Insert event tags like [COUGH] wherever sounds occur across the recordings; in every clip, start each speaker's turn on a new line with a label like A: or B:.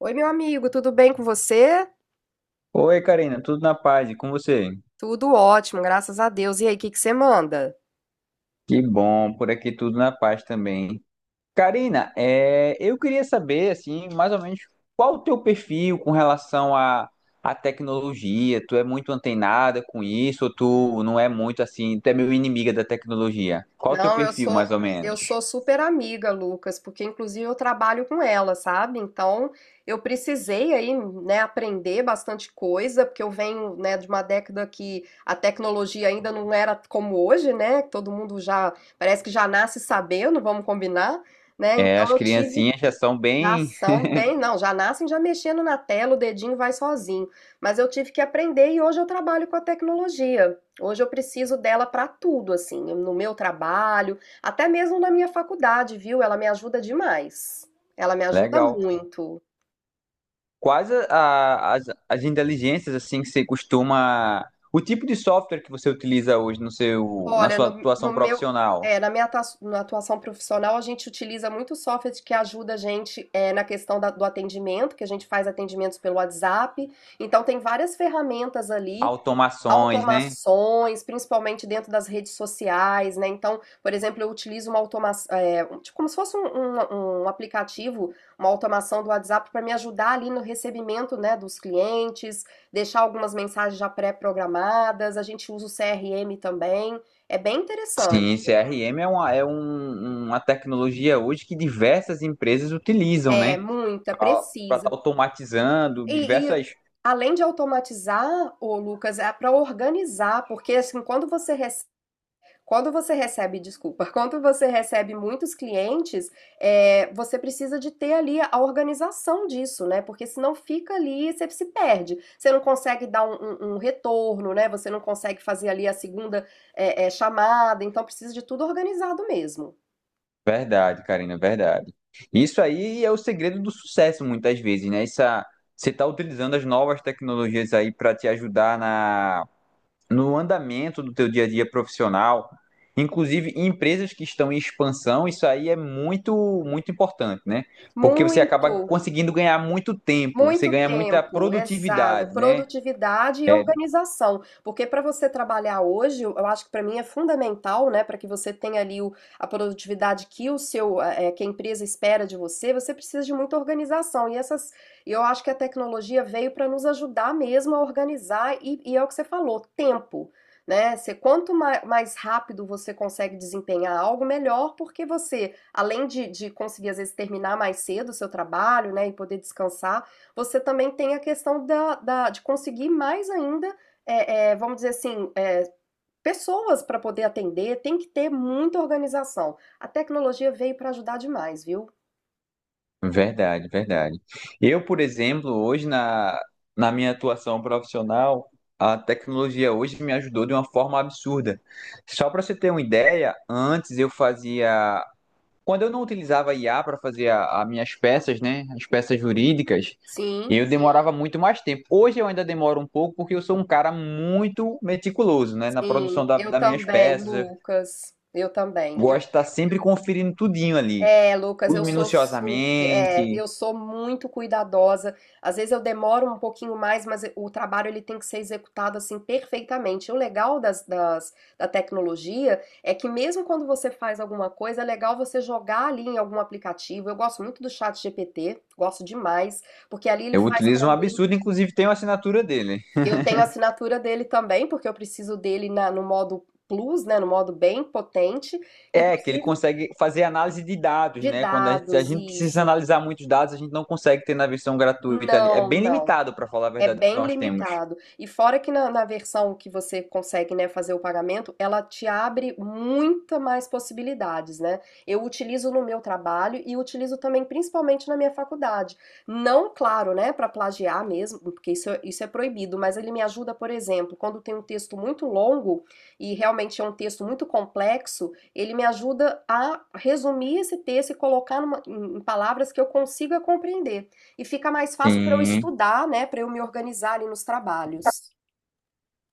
A: Oi, meu amigo, tudo bem com você?
B: Oi, Karina, tudo na paz? E com você?
A: Tudo ótimo, graças a Deus. E aí, o que que você manda?
B: Que bom, por aqui tudo na paz também. Karina, eu queria saber, assim, mais ou menos, qual o teu perfil com relação à tecnologia? Tu é muito antenada com isso ou tu não é muito, assim, tu é meio inimiga da tecnologia? Qual o teu
A: Não, eu
B: perfil, mais
A: sou
B: ou
A: eu
B: menos?
A: sou super amiga, Lucas, porque inclusive eu trabalho com ela, sabe? Então, eu precisei aí, né, aprender bastante coisa, porque eu venho, né, de uma década que a tecnologia ainda não era como hoje, né? Todo mundo já parece que já nasce sabendo, vamos combinar, né?
B: É,
A: Então,
B: as
A: eu tive.
B: criancinhas já são
A: Já
B: bem...
A: são bem, não, já nascem já mexendo na tela, o dedinho vai sozinho. Mas eu tive que aprender e hoje eu trabalho com a tecnologia. Hoje eu preciso dela para tudo, assim, no meu trabalho, até mesmo na minha faculdade, viu? Ela me ajuda demais. Ela me ajuda
B: Legal.
A: muito.
B: Quais a- As inteligências assim que você costuma, o tipo de software que você utiliza hoje no seu, na
A: Olha,
B: sua
A: no
B: atuação
A: meu,
B: profissional?
A: é, na minha na atuação profissional, a gente utiliza muito software que ajuda a gente é, na questão do atendimento, que a gente faz atendimentos pelo WhatsApp. Então, tem várias ferramentas ali.
B: Automações, né?
A: Automações, principalmente dentro das redes sociais, né, então, por exemplo, eu utilizo uma tipo como se fosse um aplicativo, uma automação do WhatsApp para me ajudar ali no recebimento, né, dos clientes, deixar algumas mensagens já pré-programadas, a gente usa o CRM também, é bem interessante.
B: Sim, CRM é uma tecnologia hoje que diversas empresas utilizam,
A: É,
B: né?
A: muita,
B: Para estar
A: precisa.
B: automatizando
A: E
B: diversas.
A: além de automatizar, ô Lucas, é para organizar, porque assim, quando você recebe, desculpa, [LAUGHS] quando você recebe muitos clientes, é, você precisa de ter ali a organização disso, né? Porque senão fica ali, você se perde. Você não consegue dar um retorno, né? Você não consegue fazer ali a segunda chamada. Então precisa de tudo organizado mesmo.
B: Verdade, Karina, verdade. Isso aí é o segredo do sucesso, muitas vezes, né? Essa, você está utilizando as novas tecnologias aí para te ajudar na no andamento do teu dia a dia profissional, inclusive em empresas que estão em expansão, isso aí é muito, muito importante, né? Porque você
A: Muito.
B: acaba conseguindo ganhar muito tempo, você
A: Muito
B: ganha muita
A: tempo, exata,
B: produtividade, né?
A: produtividade e
B: É
A: organização, porque para você trabalhar hoje, eu acho que para mim é fundamental, né, para que você tenha ali a produtividade que o seu, que a empresa espera de você, você precisa de muita organização e essas, e eu acho que a tecnologia veio para nos ajudar mesmo a organizar e, é o que você falou, tempo, né? Você, quanto mais rápido você consegue desempenhar algo, melhor, porque você, além de conseguir às vezes terminar mais cedo o seu trabalho, né, e poder descansar, você também tem a questão da de conseguir mais ainda, vamos dizer assim, pessoas para poder atender, tem que ter muita organização. A tecnologia veio para ajudar demais, viu?
B: verdade, verdade. Eu, por exemplo, na minha atuação profissional, a tecnologia hoje me ajudou de uma forma absurda. Só para você ter uma ideia, antes eu fazia. Quando eu não utilizava IA para fazer as minhas peças, né? As peças jurídicas, e
A: Sim,
B: eu demorava muito mais tempo. Hoje eu ainda demoro um pouco porque eu sou um cara muito meticuloso, né?
A: sim, eu
B: Das minhas
A: também,
B: peças. Eu
A: Lucas, eu também.
B: gosto de estar sempre conferindo tudinho ali.
A: É, Lucas,
B: Tudo
A: eu sou super,
B: minuciosamente.
A: eu sou muito cuidadosa. Às vezes eu demoro um pouquinho mais, mas o trabalho ele tem que ser executado assim perfeitamente. O legal da tecnologia é que mesmo quando você faz alguma coisa, é legal você jogar ali em algum aplicativo. Eu gosto muito do chat GPT, gosto demais, porque ali ele
B: Eu
A: faz para
B: utilizo um
A: mim.
B: absurdo, inclusive tem uma assinatura dele.
A: Eu tenho a assinatura dele também, porque eu preciso dele no modo Plus, né, no modo bem potente,
B: É, que ele
A: inclusive
B: consegue fazer análise de dados,
A: de
B: né? Se a
A: dados,
B: gente precisa
A: isso.
B: analisar muitos dados, a gente não consegue ter na versão gratuita ali. É
A: Não,
B: bem
A: não.
B: limitado, para falar a
A: É
B: verdade, o que
A: bem
B: nós temos.
A: limitado. E fora que na versão que você consegue, né, fazer o pagamento, ela te abre muita mais possibilidades, né? Eu utilizo no meu trabalho e utilizo também principalmente na minha faculdade. Não, claro, né, para plagiar mesmo, porque isso, isso é proibido, mas ele me ajuda, por exemplo, quando tem um texto muito longo e realmente é um texto muito complexo, ele me ajuda a resumir esse texto e colocar em palavras que eu consiga compreender e fica mais fácil para eu
B: Sim.
A: estudar, né, para eu me organizar ali nos trabalhos.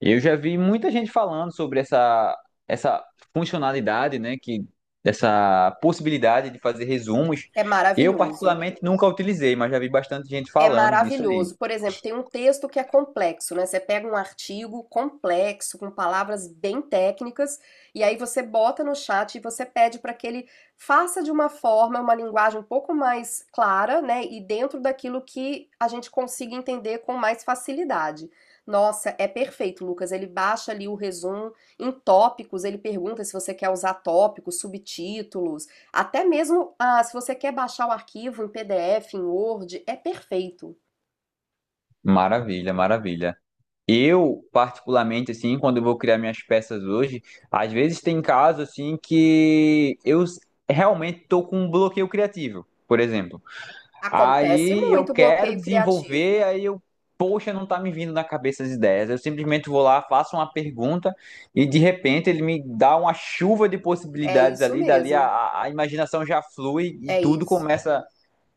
B: Eu já vi muita gente falando sobre essa funcionalidade, né, que essa possibilidade de fazer resumos.
A: É
B: Eu
A: maravilhoso.
B: particularmente nunca utilizei, mas já vi bastante gente
A: É
B: falando disso aí.
A: maravilhoso. Por exemplo, tem um texto que é complexo, né? Você pega um artigo complexo, com palavras bem técnicas, e aí você bota no chat e você pede para que ele faça de uma forma, uma linguagem um pouco mais clara, né? E dentro daquilo que a gente consiga entender com mais facilidade. Nossa, é perfeito, Lucas. Ele baixa ali o resumo em tópicos, ele pergunta se você quer usar tópicos, subtítulos, até mesmo se você quer baixar o arquivo em PDF, em Word, é perfeito.
B: Maravilha, maravilha. Eu particularmente assim, quando eu vou criar minhas peças hoje, às vezes tem casos assim que realmente estou com um bloqueio criativo, por exemplo.
A: Acontece
B: Aí eu
A: muito
B: quero
A: bloqueio criativo.
B: desenvolver, aí eu, Poxa, não tá me vindo na cabeça as ideias. Eu simplesmente vou lá, faço uma pergunta e de repente ele me dá uma chuva de
A: É
B: possibilidades
A: isso
B: ali, dali a,
A: mesmo.
B: a a imaginação já flui e
A: É
B: tudo
A: isso.
B: começa a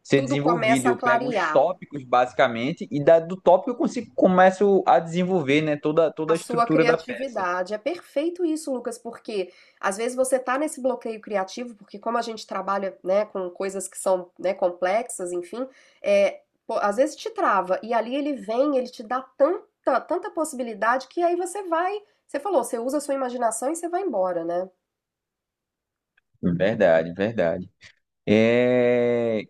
B: ser
A: Tudo
B: desenvolvido.
A: começa a
B: Eu pego os
A: clarear.
B: tópicos basicamente e da, Do tópico eu consigo, começo a desenvolver, né, toda
A: A
B: a
A: sua
B: estrutura da peça.
A: criatividade. É perfeito isso, Lucas, porque às vezes você tá nesse bloqueio criativo, porque como a gente trabalha, né, com coisas que são, né, complexas, enfim, pô, às vezes te trava e ali ele vem, ele te dá tanta, tanta possibilidade que aí você vai, você falou, você usa a sua imaginação e você vai embora, né?
B: Verdade, verdade. É,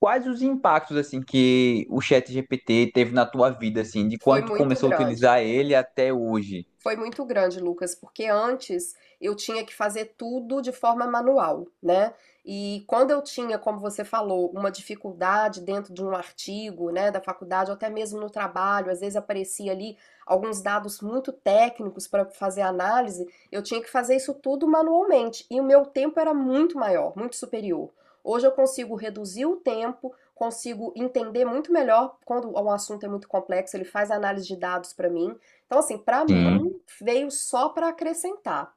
B: Quais os impactos assim que o chat GPT teve na tua vida assim, de
A: Foi
B: quando tu
A: muito
B: começou a
A: grande.
B: utilizar ele até hoje?
A: Foi muito grande, Lucas, porque antes eu tinha que fazer tudo de forma manual, né? E quando eu tinha, como você falou, uma dificuldade dentro de um artigo, né, da faculdade, ou até mesmo no trabalho, às vezes aparecia ali alguns dados muito técnicos para fazer análise, eu tinha que fazer isso tudo manualmente e o meu tempo era muito maior, muito superior. Hoje eu consigo reduzir o tempo, consigo entender muito melhor quando um assunto é muito complexo, ele faz análise de dados para mim. Então, assim, para mim
B: Sim,
A: veio só para acrescentar.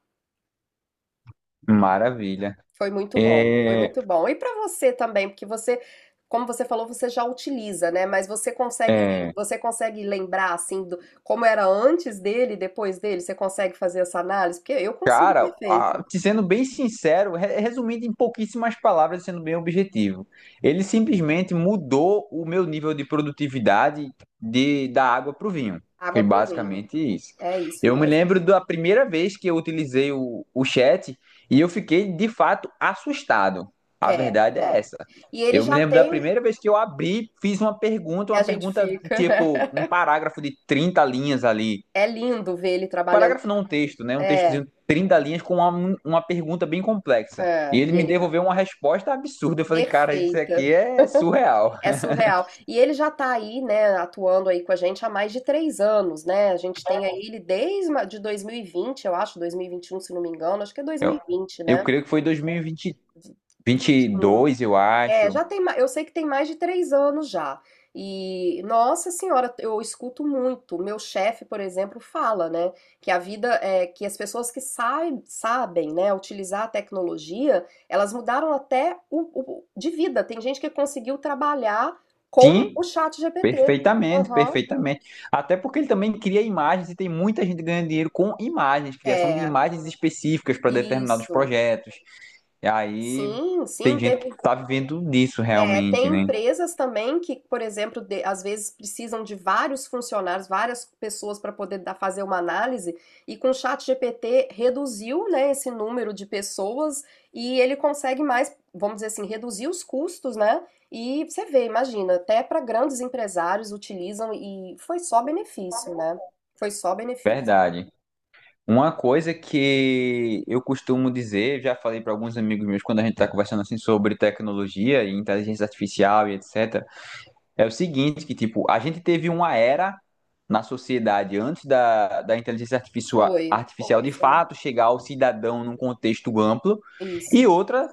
B: maravilha.
A: Foi muito bom, foi
B: É,
A: muito bom. E para você também, porque você, como você falou, você já utiliza, né? Mas você consegue,
B: é,
A: você consegue lembrar assim do, como era antes dele, e depois dele? Você consegue fazer essa análise? Porque eu consigo
B: Cara,
A: perfeito.
B: te sendo bem sincero, resumindo em pouquíssimas palavras, sendo bem objetivo, ele simplesmente mudou o meu nível de produtividade da água para o vinho.
A: Água
B: Foi
A: pro vinho.
B: basicamente isso.
A: É isso
B: Eu me
A: mesmo.
B: lembro da primeira vez que eu utilizei o chat e eu fiquei de fato assustado. A
A: É,
B: verdade é
A: é.
B: essa.
A: E ele
B: Eu me
A: já
B: lembro da
A: tem,
B: primeira vez que eu abri, fiz
A: a
B: uma
A: gente
B: pergunta de
A: fica.
B: tipo um
A: [LAUGHS]
B: parágrafo de 30 linhas ali,
A: É lindo ver ele trabalhando.
B: parágrafo não, um texto, né? Um
A: É,
B: textozinho de 30 linhas com uma pergunta bem complexa. E
A: é,
B: ele
A: e
B: me
A: ele vai.
B: devolveu uma resposta absurda. Eu falei, cara, isso
A: Perfeita.
B: aqui é surreal.
A: É
B: [LAUGHS]
A: surreal. E ele já tá aí, né, atuando aí com a gente há mais de 3 anos, né? A gente tem aí ele desde de 2020, eu acho, dois mil e vinte e um se não me engano, acho que é dois mil
B: Eu,
A: e vinte,
B: eu
A: né?
B: creio que foi 2022, eu
A: É,
B: acho.
A: já tem, eu sei que tem mais de 3 anos já. E, nossa senhora, eu escuto muito. Meu chefe, por exemplo, fala, né, que a vida é que as pessoas que sabem, né, utilizar a tecnologia, elas mudaram até de vida. Tem gente que conseguiu trabalhar com
B: Sim,
A: o chat GPT.
B: perfeitamente,
A: Aham.
B: perfeitamente. Até porque ele também cria imagens e tem muita gente ganhando dinheiro com imagens, criação de
A: É,
B: imagens específicas para determinados
A: isso.
B: projetos. E aí
A: Sim, sim,
B: tem gente que
A: teve.
B: tá vivendo disso
A: É,
B: realmente,
A: tem
B: né?
A: empresas também que, por exemplo, às vezes precisam de vários funcionários, várias pessoas para poder fazer uma análise, e com o chat GPT reduziu, né, esse número de pessoas e ele consegue mais, vamos dizer assim, reduzir os custos, né? E você vê, imagina, até para grandes empresários utilizam e foi só benefício, né? Foi só benefício.
B: Verdade. Uma coisa que eu costumo dizer, já falei para alguns amigos meus quando a gente está conversando assim sobre tecnologia e inteligência artificial e etc, é o seguinte, que tipo, a gente teve uma era na sociedade antes da inteligência
A: Foi.
B: artificial de fato chegar ao cidadão num contexto amplo e
A: Isso.
B: outra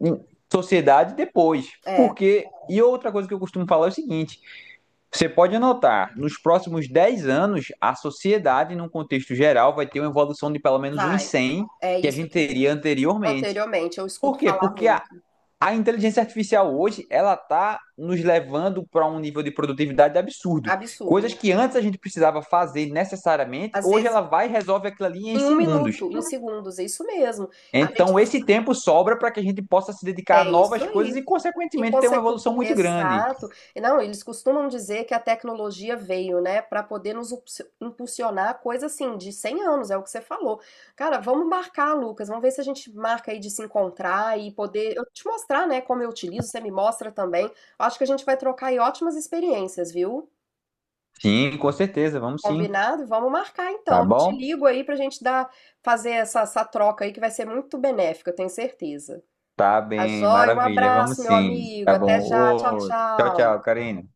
B: em sociedade depois.
A: É,
B: Porque, e outra coisa que eu costumo falar é o seguinte, você pode notar, nos próximos 10 anos, a sociedade, num contexto geral, vai ter uma evolução de pelo menos uns
A: vai.
B: 100
A: É
B: que a
A: isso
B: gente
A: que
B: teria anteriormente.
A: anteriormente eu
B: Por
A: escuto
B: quê?
A: falar
B: Porque
A: muito.
B: a inteligência artificial hoje, ela está nos levando para um nível de produtividade absurdo. Coisas
A: Absurdo.
B: que antes a gente precisava fazer necessariamente,
A: Às
B: hoje
A: vezes,
B: ela vai e resolve aquilo ali em
A: em um
B: segundos.
A: minuto, em segundos, é isso mesmo. A gente
B: Então, esse tempo sobra para que a gente possa se dedicar a
A: é isso
B: novas coisas
A: aí.
B: e,
A: E
B: consequentemente, ter uma
A: consequência.
B: evolução muito grande.
A: Exato. E não, eles costumam dizer que a tecnologia veio, né, para poder nos impulsionar coisa assim de 100 anos, é o que você falou. Cara, vamos marcar, Lucas, vamos ver se a gente marca aí de se encontrar e poder eu te mostrar, né, como eu utilizo, você me mostra também. Acho que a gente vai trocar aí ótimas experiências, viu?
B: Sim, com certeza, vamos sim.
A: Combinado? Vamos marcar então.
B: Tá
A: Eu te
B: bom?
A: ligo aí pra gente dar, fazer essa troca aí que vai ser muito benéfica, eu tenho certeza.
B: Tá
A: Tá
B: bem,
A: joia? Um
B: maravilha. Vamos
A: abraço, meu
B: sim.
A: amigo.
B: Tá
A: Até
B: bom.
A: já. Tchau,
B: Ô, tchau, tchau,
A: tchau.
B: Karina.